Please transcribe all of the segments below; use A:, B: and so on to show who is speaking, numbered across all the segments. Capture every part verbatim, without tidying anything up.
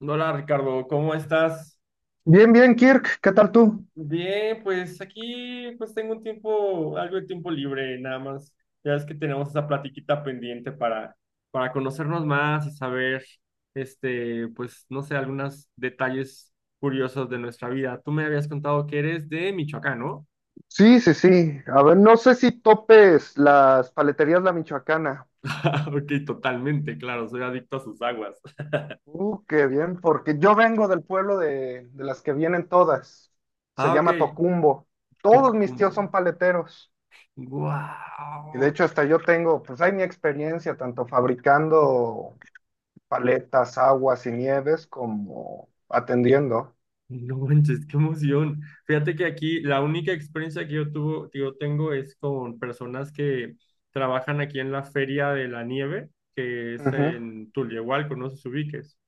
A: Hola Ricardo, ¿cómo estás?
B: Bien, bien, Kirk, ¿qué tal tú?
A: Bien, pues aquí pues tengo un tiempo, algo de tiempo libre, nada más. Ya es que tenemos esa platiquita pendiente para, para conocernos más y saber, este, pues no sé, algunos detalles curiosos de nuestra vida. Tú me habías contado que eres de Michoacán, ¿no?
B: Sí, sí, sí. A ver, no sé si topes las paleterías La Michoacana.
A: Ah, ok, totalmente, claro, soy adicto a sus aguas.
B: Uh, qué bien, porque yo vengo del pueblo de, de las que vienen todas. Se
A: Ah, ok,
B: llama Tocumbo. Todos mis
A: Tocumbo.
B: tíos son paleteros. Y de
A: ¡Guau!
B: hecho hasta yo tengo, pues hay mi experiencia tanto fabricando paletas, aguas y nieves como atendiendo.
A: No manches, qué emoción. Fíjate que aquí la única experiencia que yo tuvo, que yo tengo es con personas que trabajan aquí en la Feria de la Nieve, que es
B: Ujú.
A: en Tulyehualco, no sé si ubiques.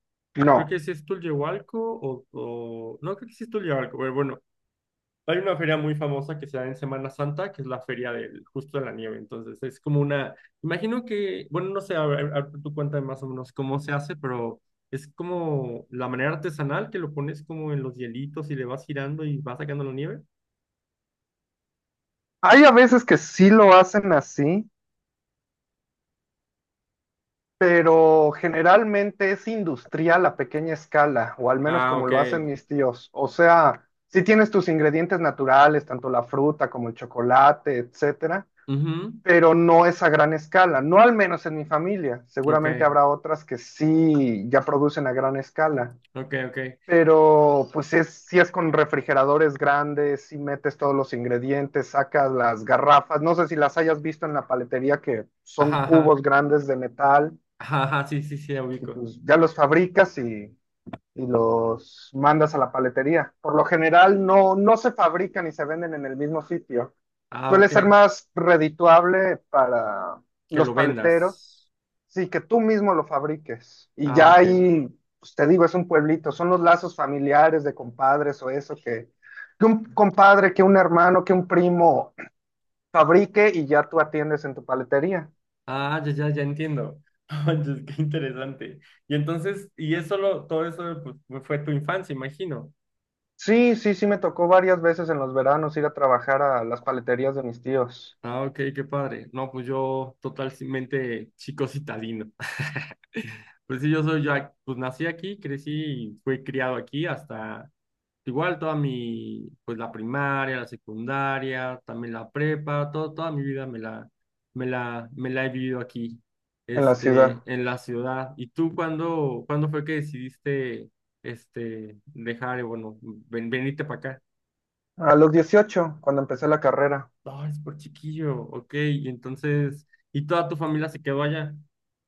A: Creo
B: No.
A: que sí es Tulyehualco o, o- no, creo que sí es Tulyehualco, pero bueno, hay una feria muy famosa que se da en Semana Santa, que es la feria del Justo de la Nieve. Entonces, es como una, imagino que, bueno, no sé, a ver, a ver, tú cuéntame más o menos cómo se hace, pero es como la manera artesanal que lo pones como en los hielitos y le vas girando y vas sacando la nieve.
B: Hay a veces que sí lo hacen así, pero generalmente es industrial a pequeña escala, o al menos
A: Ah,
B: como lo hacen
A: ok.
B: mis tíos. O sea, sí tienes tus ingredientes naturales, tanto la fruta como el chocolate, etcétera,
A: Ujú.
B: pero no es a gran escala, no al menos en mi familia.
A: Ok,
B: Seguramente habrá otras que sí ya producen a gran escala.
A: ok, ok.
B: Pero pues es, si es con refrigeradores grandes, si metes todos los ingredientes, sacas las garrafas, no sé si las hayas visto en la paletería que son
A: Ajá, ajá.
B: cubos grandes de metal
A: Ajá, ajá, sí, sí, sí, la
B: y
A: ubico.
B: pues ya los fabricas y, y los mandas a la paletería. Por lo general no, no se fabrican y se venden en el mismo sitio.
A: Ah,
B: Suele
A: ok.
B: ser más redituable para
A: Que
B: los
A: lo
B: paleteros,
A: vendas.
B: sí, que tú mismo lo fabriques. Y
A: Ah,
B: ya
A: ok.
B: ahí, pues te digo, es un pueblito, son los lazos familiares de compadres o eso que, que un compadre, que un hermano, que un primo fabrique y ya tú atiendes en tu paletería.
A: Ah, ya, ya, ya entiendo. Oye, qué interesante. Y entonces, y eso lo, todo eso pues, fue fue tu infancia, imagino.
B: Sí, sí, sí, me tocó varias veces en los veranos ir a trabajar a las paleterías de mis tíos
A: Ah, ok, qué padre. No, pues yo totalmente chico citadino. Pues sí, yo soy ya, pues nací aquí, crecí y fui criado aquí hasta. Igual toda mi, pues la primaria, la secundaria, también la prepa, todo, toda mi vida me la, me la, me la he vivido aquí,
B: en la
A: este,
B: ciudad.
A: en la ciudad. ¿Y tú cuándo, cuándo fue que decidiste, este, dejar, eh, bueno, ven- venirte para acá?
B: A los dieciocho, cuando empecé la carrera.
A: Ah, es por chiquillo, ok, y entonces, ¿y toda tu familia se quedó allá?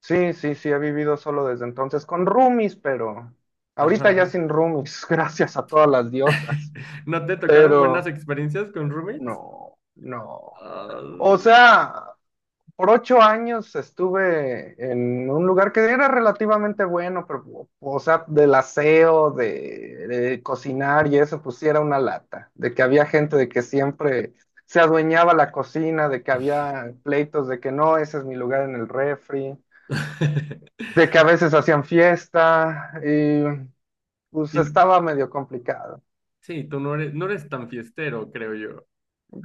B: Sí, sí, sí, he vivido solo desde entonces con roomies, pero
A: Ajá,
B: ahorita ya
A: ajá.
B: sin roomies, gracias a todas las diosas.
A: ¿No te tocaron buenas
B: Pero
A: experiencias con roommates?
B: no, no. O
A: Ay.
B: sea, por ocho años estuve en un lugar que era relativamente bueno, pero, o sea, del aseo, de, de cocinar y eso, pues sí era una lata, de que había gente de que siempre se adueñaba la cocina, de que había pleitos de que no, ese es mi lugar en el refri, de que a veces hacían fiesta y pues
A: Y-
B: estaba medio complicado.
A: Sí, tú no eres, no eres tan fiestero, creo yo,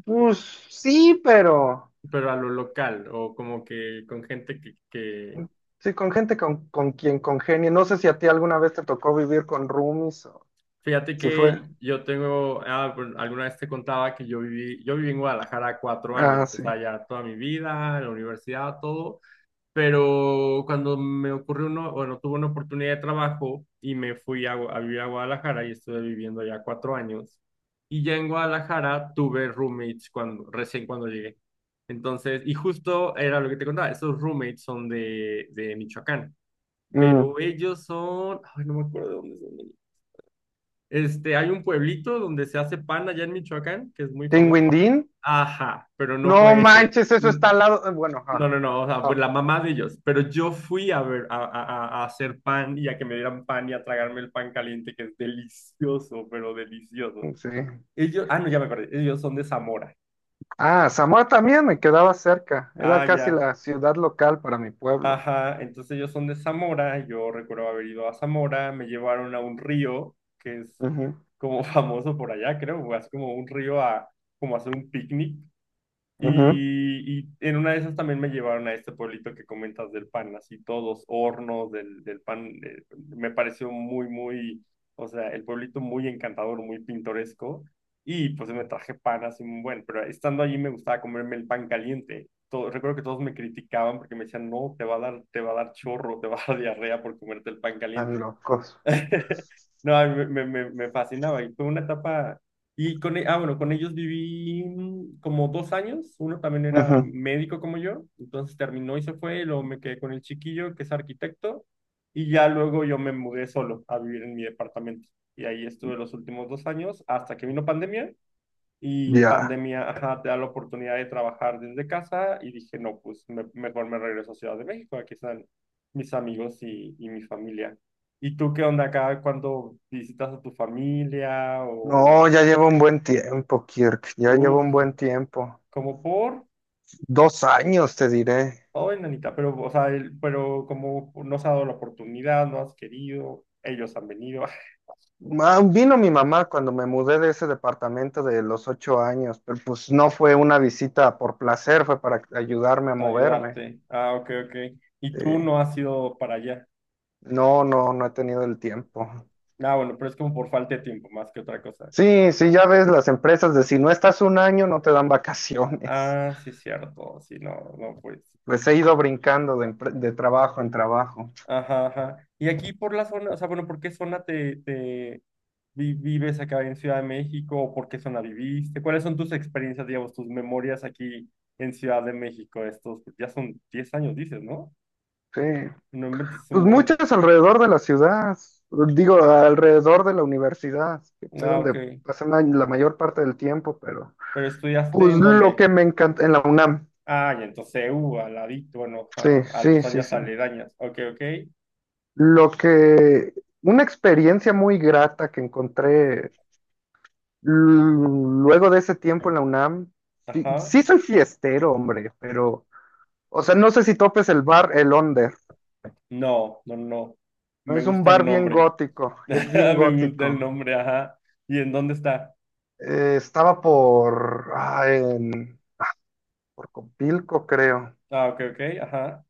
B: Pues sí, pero
A: pero a lo local o como que con gente que, que...
B: sí, con gente con, con quien congenie. No sé si a ti alguna vez te tocó vivir con roomies o
A: Fíjate
B: si fue.
A: que yo tengo, ah, bueno, alguna vez te contaba que yo viví, yo viví en Guadalajara cuatro años,
B: Ah,
A: o
B: sí.
A: sea, ya toda mi vida, la universidad, todo. Pero cuando me ocurrió uno, bueno, tuve una oportunidad de trabajo y me fui a, Gua- a vivir a Guadalajara y estuve viviendo allá cuatro años. Y ya en Guadalajara tuve roommates cuando, recién cuando llegué. Entonces, y justo era lo que te contaba, esos roommates son de, de Michoacán,
B: Mm.
A: pero ellos son, ay, no me acuerdo de dónde son. Este, hay un pueblito donde se hace pan allá en Michoacán, que es muy famoso.
B: ¿Tinguindín?
A: Ajá, pero no
B: No
A: fue ese.
B: manches, eso
A: Mm,
B: está al lado. eh, Bueno,
A: no,
B: ah,
A: no, no, o sea, pues
B: ah,
A: la mamá de ellos, pero yo fui a ver, a, a- a- a hacer pan y a que me dieran pan y a tragarme el pan caliente, que es delicioso, pero delicioso.
B: sí.
A: Ellos, ah, no, ya me acordé, ellos son de Zamora.
B: Ah, Zamora también me quedaba cerca. Era
A: Ah,
B: casi
A: ya,
B: la ciudad local para mi pueblo.
A: ajá, entonces ellos son de Zamora, yo recuerdo haber ido a Zamora, me llevaron a un río, que es
B: Ujú,
A: como famoso por allá, creo, así como un río a, como hacer un picnic.
B: ujú.
A: Y, y en una de esas también me llevaron a este pueblito que comentas del pan, así todos hornos del, del pan. Eh, me pareció muy, muy, o sea, el pueblito muy encantador, muy pintoresco. Y pues me traje pan así muy bueno, pero estando allí me gustaba comerme el pan caliente. Todo- recuerdo que todos me criticaban porque me decían, no, te va a dar, te va a dar chorro, te va a dar diarrea por comerte el pan
B: Tan
A: caliente.
B: locos.
A: No, a mí me, me, me fascinaba y fue una etapa, y con, e- ah, bueno, con ellos viví mm, como dos años, uno también era
B: Ujú.
A: médico como yo, entonces terminó y se fue, y luego me quedé con el chiquillo que es arquitecto, y ya luego yo me mudé solo a vivir en mi departamento, y ahí estuve los últimos dos años hasta que vino pandemia, y
B: Ya.
A: pandemia, ajá, te da la oportunidad de trabajar desde casa y dije, no, pues me- mejor me regreso a Ciudad de México, aquí están mis amigos y, y mi familia. ¿Y tú qué onda acá cuando visitas a tu familia o,
B: No,
A: o-
B: ya llevo un buen tiempo, Kirk. Ya llevo un
A: uf,
B: buen tiempo.
A: como por,
B: Dos años, te diré.
A: ay, nanita, pero, o sea, el- pero como no se ha dado la oportunidad, no has querido, ellos han venido
B: Ma- Vino mi mamá cuando me mudé de ese departamento de los ocho años, pero pues no fue una visita por placer, fue para ayudarme a
A: a
B: moverme.
A: ayudarte. Ah, ok, ok. Y
B: Sí.
A: tú no has ido para allá.
B: No, no, no he tenido el tiempo.
A: Ah, bueno, pero es como por falta de tiempo, más que otra cosa.
B: Sí, sí, ya ves las empresas de si no estás un año no te dan vacaciones.
A: Ah, sí, cierto. Sí, no, no, pues.
B: Pues he ido brincando de, empre- de trabajo en trabajo.
A: Ajá, ajá. Y aquí por la zona, o sea, bueno, ¿por qué zona te, te vi- vives acá en Ciudad de México? ¿O por qué zona viviste? ¿Cuáles son tus experiencias, digamos, tus memorias aquí en Ciudad de México? Estos, pues, ya son diez años, dices, ¿no?
B: Sí,
A: No inventes, es un
B: pues
A: buen.
B: muchas alrededor de la ciudad, digo, alrededor de la universidad, que fue
A: Ah, ok.
B: donde pasé la la mayor parte del tiempo, pero
A: ¿Pero estudiaste
B: pues
A: en
B: lo
A: dónde?
B: que me encanta en la UNAM.
A: Ah, y entonces, U al ladito, bueno,
B: Sí,
A: ajá, al,
B: sí, sí,
A: zonas
B: sí.
A: aledañas. Ok, ok.
B: Lo que, una experiencia muy grata que encontré luego de ese tiempo en la UNAM, sí,
A: Ajá.
B: sí soy fiestero, hombre, pero, o sea, no sé si topes el bar El Onder.
A: No, no, no.
B: No
A: Me
B: es un
A: gusta el
B: bar bien
A: nombre.
B: gótico, es bien
A: Me gusta el
B: gótico.
A: nombre, ajá. ¿Y en dónde está?
B: Eh, estaba por, ah, en- por Copilco, creo.
A: Ah, ok, ok, ajá.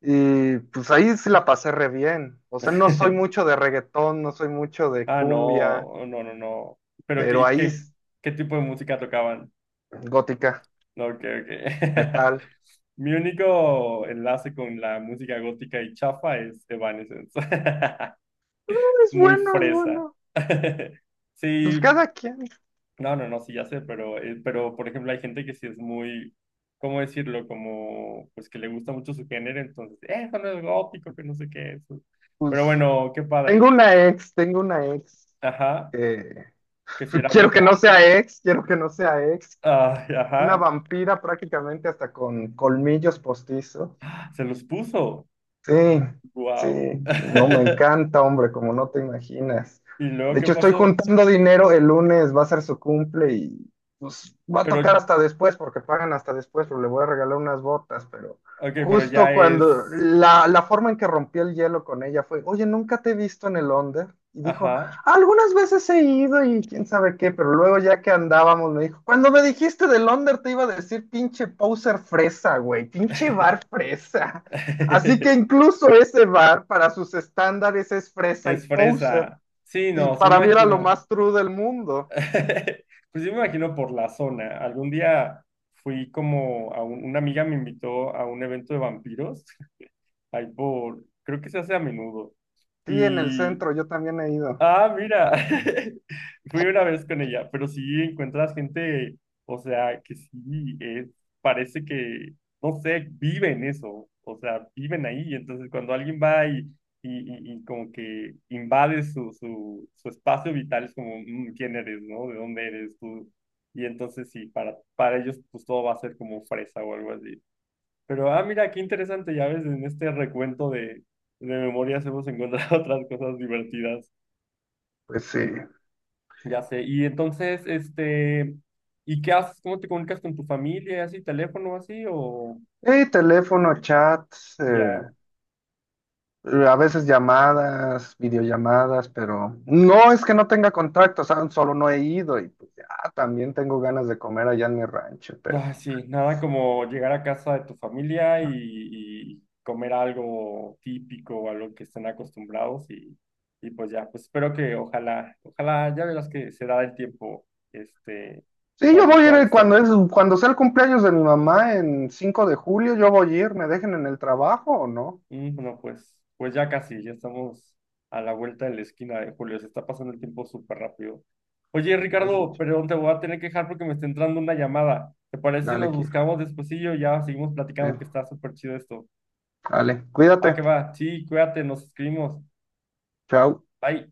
B: Y pues ahí sí la pasé re bien. O sea, no soy mucho de reggaetón, no soy mucho de
A: Ah,
B: cumbia,
A: no, no, no, no. Pero qué,
B: pero
A: y
B: ahí
A: qué,
B: es
A: ¿Qué tipo de música tocaban?
B: gótica,
A: No, ok, ok.
B: metal.
A: Mi único enlace con la música gótica y chafa es Evanescence.
B: Es
A: Muy
B: bueno, es
A: fresa.
B: bueno. Pues
A: Sí,
B: cada quien.
A: no, no, no, sí, ya sé, pero, eh, pero por ejemplo, hay gente que sí es muy, ¿cómo decirlo? Como, pues que le gusta mucho su género, entonces, eh, eso no es gótico, que no sé qué, eso. Pero
B: Pues
A: bueno, qué
B: tengo
A: padre.
B: una ex, tengo una ex.
A: Ajá,
B: Eh,
A: que si era
B: quiero
A: bien
B: que no
A: dark.
B: sea ex, quiero que no sea ex.
A: Ay,
B: Una
A: ajá,
B: vampira prácticamente hasta con colmillos postizos.
A: se los puso.
B: Sí, sí,
A: Wow.
B: no, me encanta, hombre, como no te imaginas.
A: ¿Y luego
B: De
A: qué
B: hecho, estoy
A: pasó?
B: juntando dinero, el lunes va a ser su cumple y pues va a
A: Pero,
B: tocar hasta después, porque pagan hasta después, pero le voy a regalar unas botas, pero
A: ok, pero ya
B: justo
A: es.
B: cuando la, la, forma en que rompí el hielo con ella fue, oye, nunca te he visto en el Onder. Y dijo,
A: Ajá.
B: algunas veces he ido y quién sabe qué, pero luego ya que andábamos me dijo, cuando me dijiste del Onder te iba a decir pinche poser fresa, güey, pinche bar fresa. Así que incluso ese bar para sus estándares es fresa y
A: Es
B: poser.
A: fresa. Sí,
B: Y
A: no, se
B: para mí era lo
A: imagino.
B: más true del mundo.
A: Pues yo me imagino por la zona. Algún día fui como a un- una amiga me invitó a un evento de vampiros, ahí por, creo que se hace a menudo.
B: Sí, en el centro yo también he ido.
A: Ah, mira, fui una vez con ella, pero sí encuentras gente, o sea, que sí, es, parece que, no sé, viven eso, o sea, viven ahí, entonces cuando alguien va y, y, y- y como que invade su, su, su espacio vital, es como, "Mm, ¿quién eres, no? ¿De dónde eres tú?" Y entonces sí, para, para ellos pues todo va a ser como fresa o algo así. Pero, ah, mira, qué interesante, ya ves, en este recuento de, de memorias hemos encontrado otras cosas divertidas.
B: Pues sí.
A: Ya sé. Y entonces, este, ¿y qué haces? ¿Cómo te comunicas con tu familia? ¿Así, teléfono, así? O
B: Eh, teléfono, chats,
A: ya,
B: eh, a veces llamadas, videollamadas, pero no es que no tenga contacto, o sea, solo no he ido y pues ya también tengo ganas de comer allá en mi rancho, pero
A: ah, sí, nada como llegar a casa de tu familia y, y comer algo típico o a que estén acostumbrados y, y pues ya, pues espero que ojalá, ojalá ya verás que se da el tiempo, este,
B: sí,
A: para
B: yo
A: que
B: voy a ir
A: puedas
B: eh, cuando
A: visitarlo.
B: es, cuando sea el cumpleaños de mi mamá en cinco de julio, yo voy a ir, ¿me dejen en el trabajo o no?
A: Mm, no, pues, pues ya casi, ya estamos a la vuelta de la esquina de Julio, se está pasando el tiempo súper rápido. Oye,
B: Tú lo has
A: Ricardo,
B: dicho.
A: perdón, te voy a tener que dejar porque me está entrando una llamada. ¿Te parece si
B: Dale,
A: nos
B: Kir.
A: buscamos despuesillo? Ya seguimos
B: Eh,
A: platicando que está súper chido esto.
B: dale,
A: Va
B: cuídate.
A: que va, sí, cuídate, nos escribimos.
B: Chao.
A: Bye.